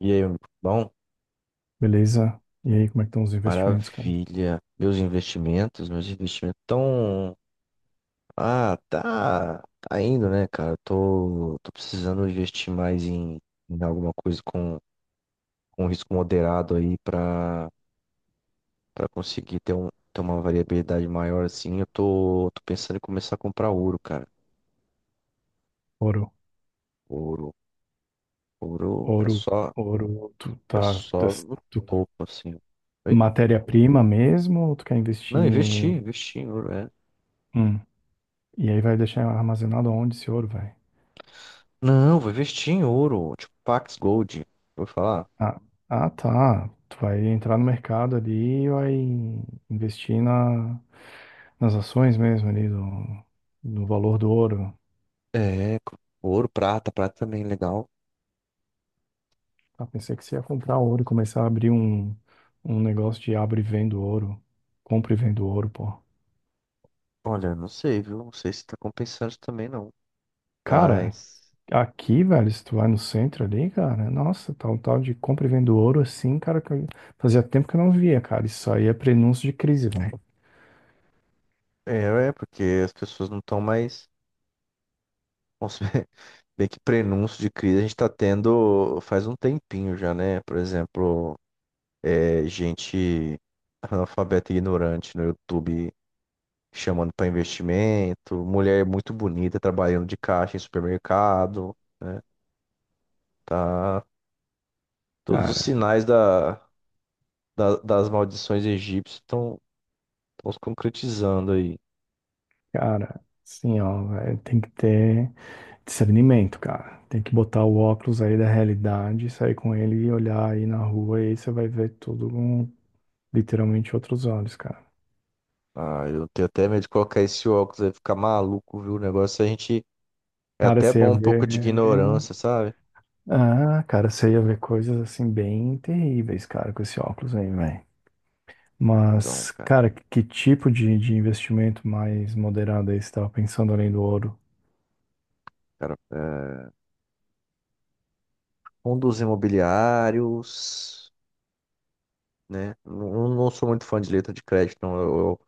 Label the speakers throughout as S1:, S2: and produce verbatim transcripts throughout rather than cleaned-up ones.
S1: E aí, meu bom,
S2: Beleza? E aí, como é que estão os investimentos, cara?
S1: maravilha. Meus investimentos, meus investimentos estão. Ah, tá, tá indo, né, cara? Tô, tô precisando investir mais em, em alguma coisa com, com risco moderado aí pra, pra conseguir ter, um, ter uma variabilidade maior assim. Eu tô, tô pensando em começar a comprar ouro, cara.
S2: Ouro,
S1: Ouro. Ouro é
S2: ouro,
S1: só,
S2: ouro, tu
S1: é
S2: tá,
S1: só
S2: das-
S1: no
S2: tu-
S1: topo, assim. Oi?
S2: matéria-prima mesmo, ou tu quer investir
S1: Não, investir,
S2: em...
S1: investir em ouro, é.
S2: Hum, e aí vai deixar armazenado onde esse ouro, vai?
S1: Não, vou investir em ouro, tipo Pax Gold. Vou falar.
S2: Ah, ah, tá, tu vai entrar no mercado ali e vai investir na, nas ações mesmo ali, do, no valor do ouro.
S1: É, ouro, prata, prata também é legal.
S2: Ah, pensei que você ia comprar ouro e começar a abrir um, um negócio de abre e vendo ouro, compra e vendo ouro, pô.
S1: Olha, eu não sei, viu? Não sei se tá compensando também não.
S2: Cara,
S1: Mas
S2: aqui, velho, se tu vai no centro ali, cara, nossa, tá um tal de compra e vendo ouro assim, cara, que eu- fazia tempo que eu não via, cara. Isso aí é prenúncio de crise, velho.
S1: é, é porque as pessoas não estão mais consumindo. Bem que prenúncio de crise a gente tá tendo faz um tempinho já, né? Por exemplo, é, gente analfabeta e ignorante no YouTube chamando para investimento, mulher muito bonita trabalhando de caixa em supermercado, né? Tá, todos os
S2: Cara,
S1: sinais da, da- das maldições egípcias estão estão se concretizando aí.
S2: cara, assim, ó, velho, tem que ter discernimento, cara. Tem que botar o óculos aí da realidade, sair com ele e olhar aí na rua, e aí você vai ver tudo com literalmente outros olhos, cara.
S1: Ah, eu tenho até medo de colocar esse óculos aí, ficar maluco, viu? O negócio a gente. É
S2: Cara,
S1: até
S2: você ia
S1: bom um
S2: ver.
S1: pouco de ignorância, sabe?
S2: Ah, cara, você ia ver coisas assim bem terríveis, cara, com esse óculos aí, velho.
S1: Então,
S2: Mas,
S1: cara,
S2: cara, que tipo de, de investimento mais moderado aí você estava pensando além do ouro?
S1: cara, é... fundos imobiliários, né? Não, não sou muito fã de letra de crédito, não. Eu, eu,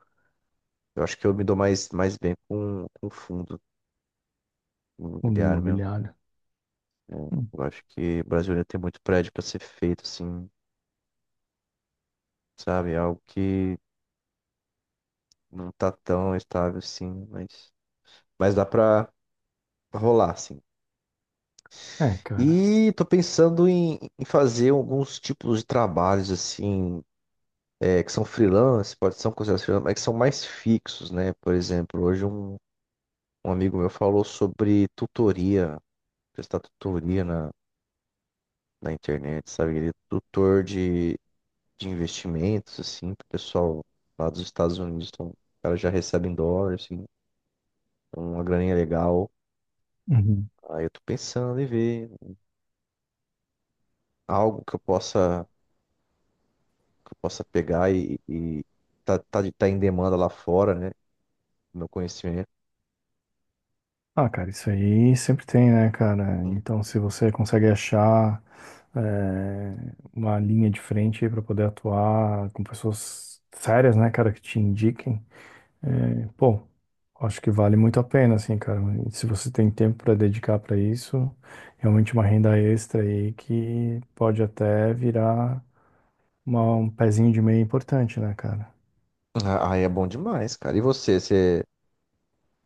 S1: eu acho que eu me dou mais, mais bem com, com fundo
S2: Fundo
S1: imobiliário mesmo.
S2: imobiliário.
S1: É,
S2: Hum,
S1: eu acho que o Brasil ainda tem muito prédio para ser feito, assim, sabe? É algo que não tá tão estável assim, mas, mas dá pra rolar, assim.
S2: É, cara.
S1: E tô pensando em, em fazer alguns tipos de trabalhos assim, é, que são freelance, pode ser considerados freelance, mas que são mais fixos, né? Por exemplo, hoje um, um amigo meu falou sobre tutoria, prestar tutoria na, na internet, sabe? Ele é tutor de, de investimentos, assim, pro pessoal lá dos Estados Unidos, então, o cara já recebe em dólar, assim, uma graninha legal.
S2: Uhum.
S1: Aí eu tô pensando em ver algo que eu possa. Que eu possa pegar e, e tá, tá, de- tá em demanda lá fora, né? Meu conhecimento.
S2: Ah, cara, isso aí sempre tem, né, cara? Então, se você consegue achar é, uma linha de frente aí para poder atuar com pessoas sérias, né, cara, que te indiquem, é, pô, acho que vale muito a pena, assim, cara. E se você tem tempo para dedicar para isso, realmente uma renda extra aí que pode até virar uma- um pezinho de meia importante, né, cara?
S1: Ah, aí é bom demais, cara. E você, você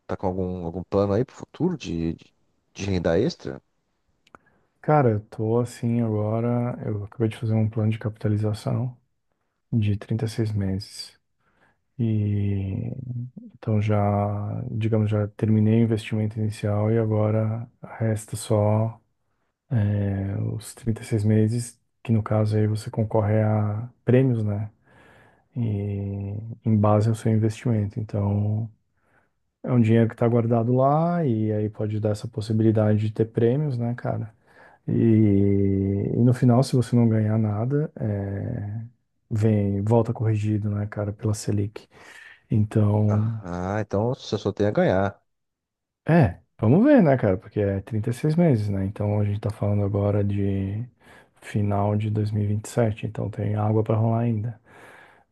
S1: tá com algum, algum plano aí pro futuro de, de, de renda extra?
S2: Cara, eu tô assim agora. Eu acabei de fazer um plano de capitalização de trinta e seis meses. E então já, digamos, já terminei o investimento inicial e agora resta só. É, os trinta e seis meses, que no caso aí você concorre a prêmios, né? E, em base ao seu investimento. Então, é um dinheiro que está guardado lá e aí pode dar essa possibilidade de ter prêmios, né, cara? E, e no final, se você não ganhar nada, é, vem, volta corrigido, né, cara, pela Selic.
S1: Ah,
S2: Então,
S1: ah, então você só tem a ganhar.
S2: é, vamos ver, né, cara? Porque é trinta e seis meses, né? Então a gente tá falando agora de final de dois mil e e vinte e sete. Então tem água pra rolar ainda.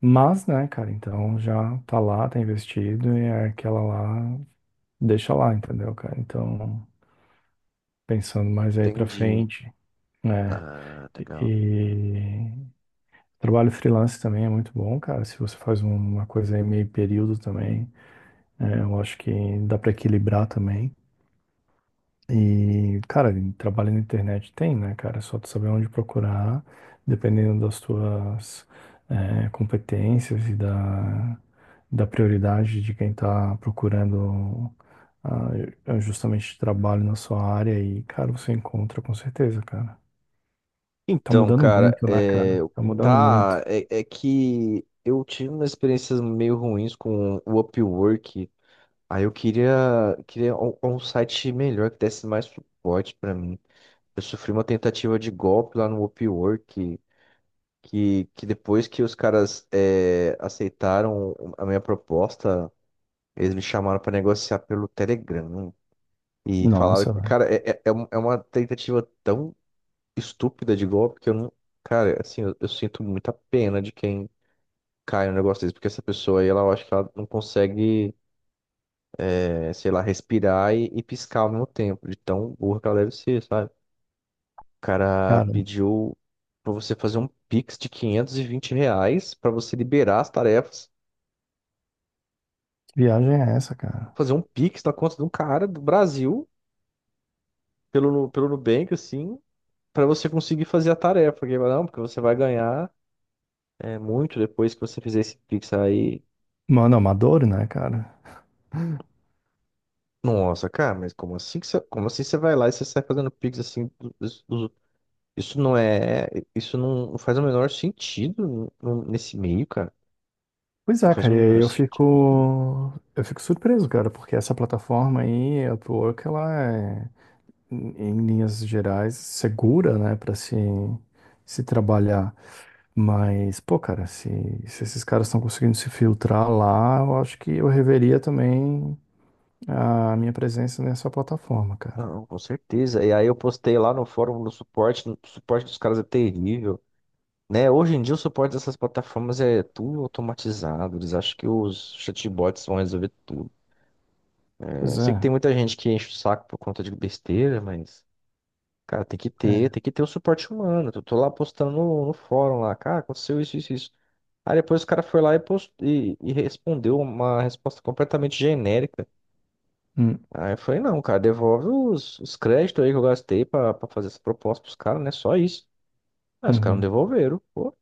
S2: Mas, né, cara, então já tá lá, tá investido e é aquela lá, deixa lá, entendeu, cara? Então, pensando mais aí pra
S1: Entendi.
S2: frente, né?
S1: Ah, legal.
S2: E trabalho freelance também é muito bom, cara. Se você faz uma coisa aí meio período também, é, eu acho que dá pra equilibrar também. E, cara, em trabalho na internet tem, né, cara? É só tu saber onde procurar, dependendo das tuas eh, competências e da, da prioridade de quem tá procurando ah, é justamente trabalho na sua área. E, cara, você encontra com certeza, cara. Tá
S1: Então,
S2: mudando
S1: cara,
S2: muito, né,
S1: é,
S2: cara? Tá mudando muito.
S1: tá, é, é que eu tive umas experiências meio ruins com o Upwork. Aí eu queria, queria um, um site melhor que desse mais suporte pra mim. Eu sofri uma tentativa de golpe lá no Upwork, que, que, que depois que os caras é, aceitaram a minha proposta, eles me chamaram para negociar pelo Telegram. Né? E falaram
S2: Nossa,
S1: que,
S2: velho.
S1: cara, é, é, é um- é uma tentativa tão estúpida de golpe que eu não. Cara, assim, eu, eu sinto muita pena de quem cai no negócio desse, porque essa pessoa aí, ela eu acho que ela não consegue, é, sei lá, respirar e, e piscar ao mesmo tempo, de tão burra que ela deve ser, sabe? Cara
S2: Cara,
S1: pediu pra você fazer um Pix de quinhentos e vinte reais pra você liberar as tarefas,
S2: que viagem é essa, cara?
S1: fazer um Pix na conta de um cara do Brasil, pelo, Nu- pelo Nubank, assim, pra você conseguir fazer a tarefa. Porque, não, porque você vai ganhar é, muito depois que você fizer esse Pix aí.
S2: Mano, amador, né, cara?
S1: Nossa, cara, mas como assim que você, como assim você vai lá e você sai fazendo Pix assim? do- dos- dos- Isso não é. Isso não faz o menor sentido n- n- nesse meio, cara.
S2: Pois
S1: Não
S2: é,
S1: faz o
S2: cara, e aí
S1: menor
S2: eu
S1: sentido.
S2: fico, eu fico surpreso, cara, porque essa plataforma aí, a Upwork, ela é, em em linhas gerais, segura, né, para se, se trabalhar. Mas, pô, cara, se, se esses caras estão conseguindo se filtrar lá, eu acho que eu reveria também a minha presença nessa plataforma, cara.
S1: Não, com certeza. E aí eu postei lá no fórum do suporte, o suporte dos caras é terrível, né? Hoje em dia o suporte dessas plataformas é tudo automatizado, eles acham que os chatbots vão resolver tudo.
S2: Pois
S1: Eu sei que
S2: é,
S1: tem muita gente que enche o saco por conta de besteira, mas, cara, tem que ter,
S2: é.
S1: tem que ter o suporte humano. Eu tô lá postando no, no fórum lá, cara, aconteceu isso, isso, isso. Aí depois o cara foi lá e, post... e, e respondeu uma resposta completamente genérica.
S2: Hum,
S1: Aí eu falei, não, cara, devolve os, os créditos aí que eu gastei pra, pra fazer essa proposta pros caras, né? Só isso. Aí os caras não
S2: uhum.
S1: devolveram. Pô,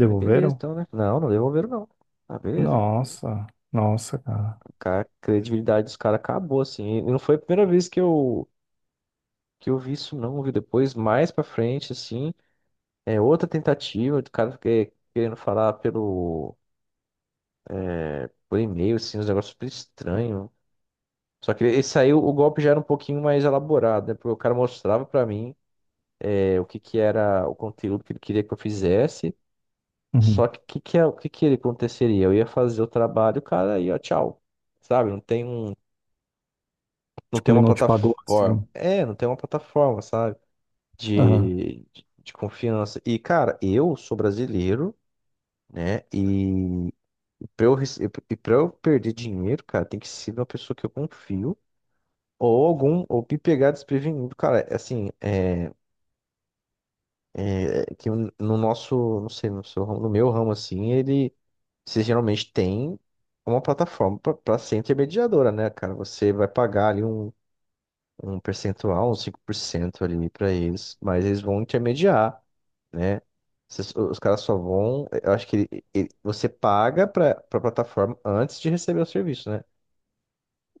S1: falei, beleza, então, né? Não, não devolveram, não. Ah, beleza.
S2: Nossa, nossa, cara.
S1: Cara, a credibilidade dos caras acabou, assim. E não foi a primeira vez que eu, que eu vi isso, não. Eu vi depois, mais pra frente, assim, é outra tentativa do cara que- querendo falar pelo, por e-mail, assim, uns negócios super estranhos. Só que esse aí, o golpe já era um pouquinho mais elaborado, né? Porque o cara mostrava pra mim. É, o que que era o conteúdo que ele queria que eu fizesse. Só
S2: Uhum.
S1: que o que que, é- o que que ele aconteceria? Eu ia fazer o trabalho, o cara ia, tchau. Sabe? Não tem um, não
S2: Tipo,
S1: tem
S2: ele
S1: uma
S2: não te pagou
S1: plataforma.
S2: assim.
S1: É, não tem uma plataforma, sabe?
S2: Aham.
S1: De, de, de confiança. E, cara, eu sou brasileiro, né? E pra eu, rece- e pra eu perder dinheiro, cara, tem que ser uma pessoa que eu confio. Ou algum, ou me pegar desprevenido, cara, é assim, é, é que no nosso, não sei, no seu ramo, no meu ramo, assim, ele, você geralmente tem uma plataforma para ser intermediadora, né, cara? Você vai pagar ali um, um percentual, uns cinco por cento ali para eles, mas eles vão intermediar, né? Vocês- Os caras só vão. Eu acho que ele- ele- você paga para a plataforma antes de receber o serviço, né?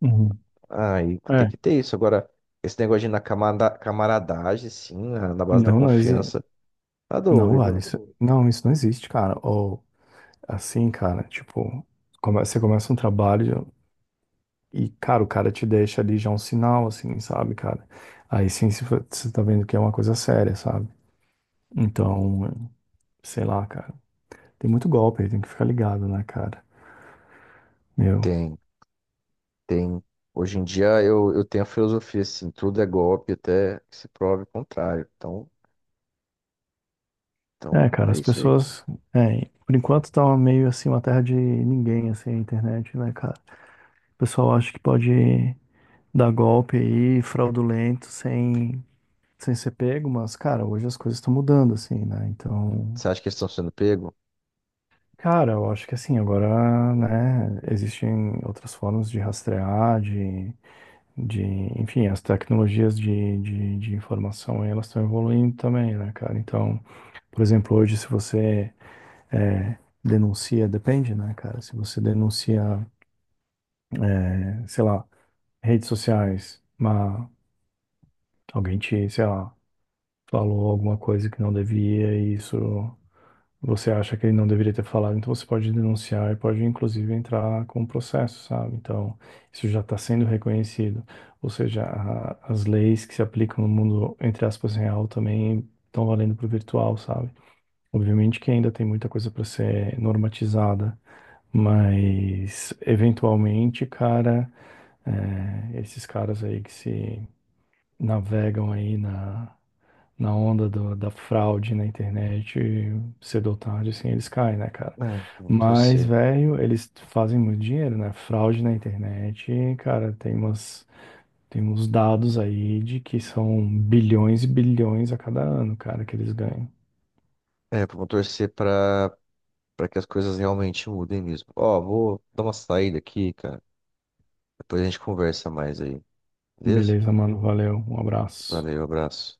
S2: Uhum.
S1: Aí tem
S2: É.
S1: que ter isso. Agora, esse negócio de na camada- camaradagem, sim, na, na base da
S2: Não, não existe.
S1: confiança, tá
S2: Não, vale.
S1: doido.
S2: Isso... Não, isso não existe, cara. Ou assim, cara, tipo, come- você começa um trabalho e, cara, o cara te deixa ali já um sinal, assim, sabe, cara? Aí sim se fo- você tá vendo que é uma coisa séria, sabe? Então, sei lá, cara. Tem muito golpe aí, tem que ficar ligado, né, cara? Meu.
S1: Tem. Tem, hoje em dia eu, eu tenho a filosofia assim, tudo é golpe até que se prove o contrário. Então,
S2: É,
S1: então
S2: cara,
S1: é
S2: as
S1: isso aí.
S2: pessoas. É, por enquanto tá uma- meio assim uma terra de ninguém, assim, a internet, né, cara? O pessoal acha que pode dar golpe aí, fraudulento, sem sem ser pego, mas, cara, hoje as coisas estão mudando, assim, né? Então,
S1: Você acha que eles estão sendo pego?
S2: cara, eu acho que assim, agora, né, existem outras formas de rastrear, de, de, enfim, as tecnologias de, de, de informação, elas estão evoluindo também, né, cara? Então, por exemplo, hoje se você é, denuncia, depende, né, cara? Se você denuncia, é, sei lá, redes sociais, uma, alguém te, sei lá, falou alguma coisa que não devia e isso você acha que ele não deveria ter falado, então você pode denunciar e pode inclusive entrar com um processo, sabe? Então, isso já está sendo reconhecido. Ou seja, a- as leis que se aplicam no mundo, entre aspas, real também estão valendo para o virtual, sabe? Obviamente que ainda tem muita coisa para ser normatizada, mas eventualmente, cara, é, esses caras aí que se navegam aí na na onda do- da fraude na internet, cedo ou tarde, assim, eles caem, né, cara?
S1: É, vamos
S2: Mas,
S1: torcer.
S2: velho, eles fazem muito dinheiro, né? Fraude na internet, cara, tem umas, tem uns dados aí de que são bilhões e bilhões a cada ano, cara, que eles ganham.
S1: É, vamos torcer pra, pra que as coisas realmente mudem mesmo. Ó, vou dar uma saída aqui, cara. Depois a gente conversa mais aí. Beleza?
S2: Beleza, mano, valeu, um abraço.
S1: Valeu, abraço.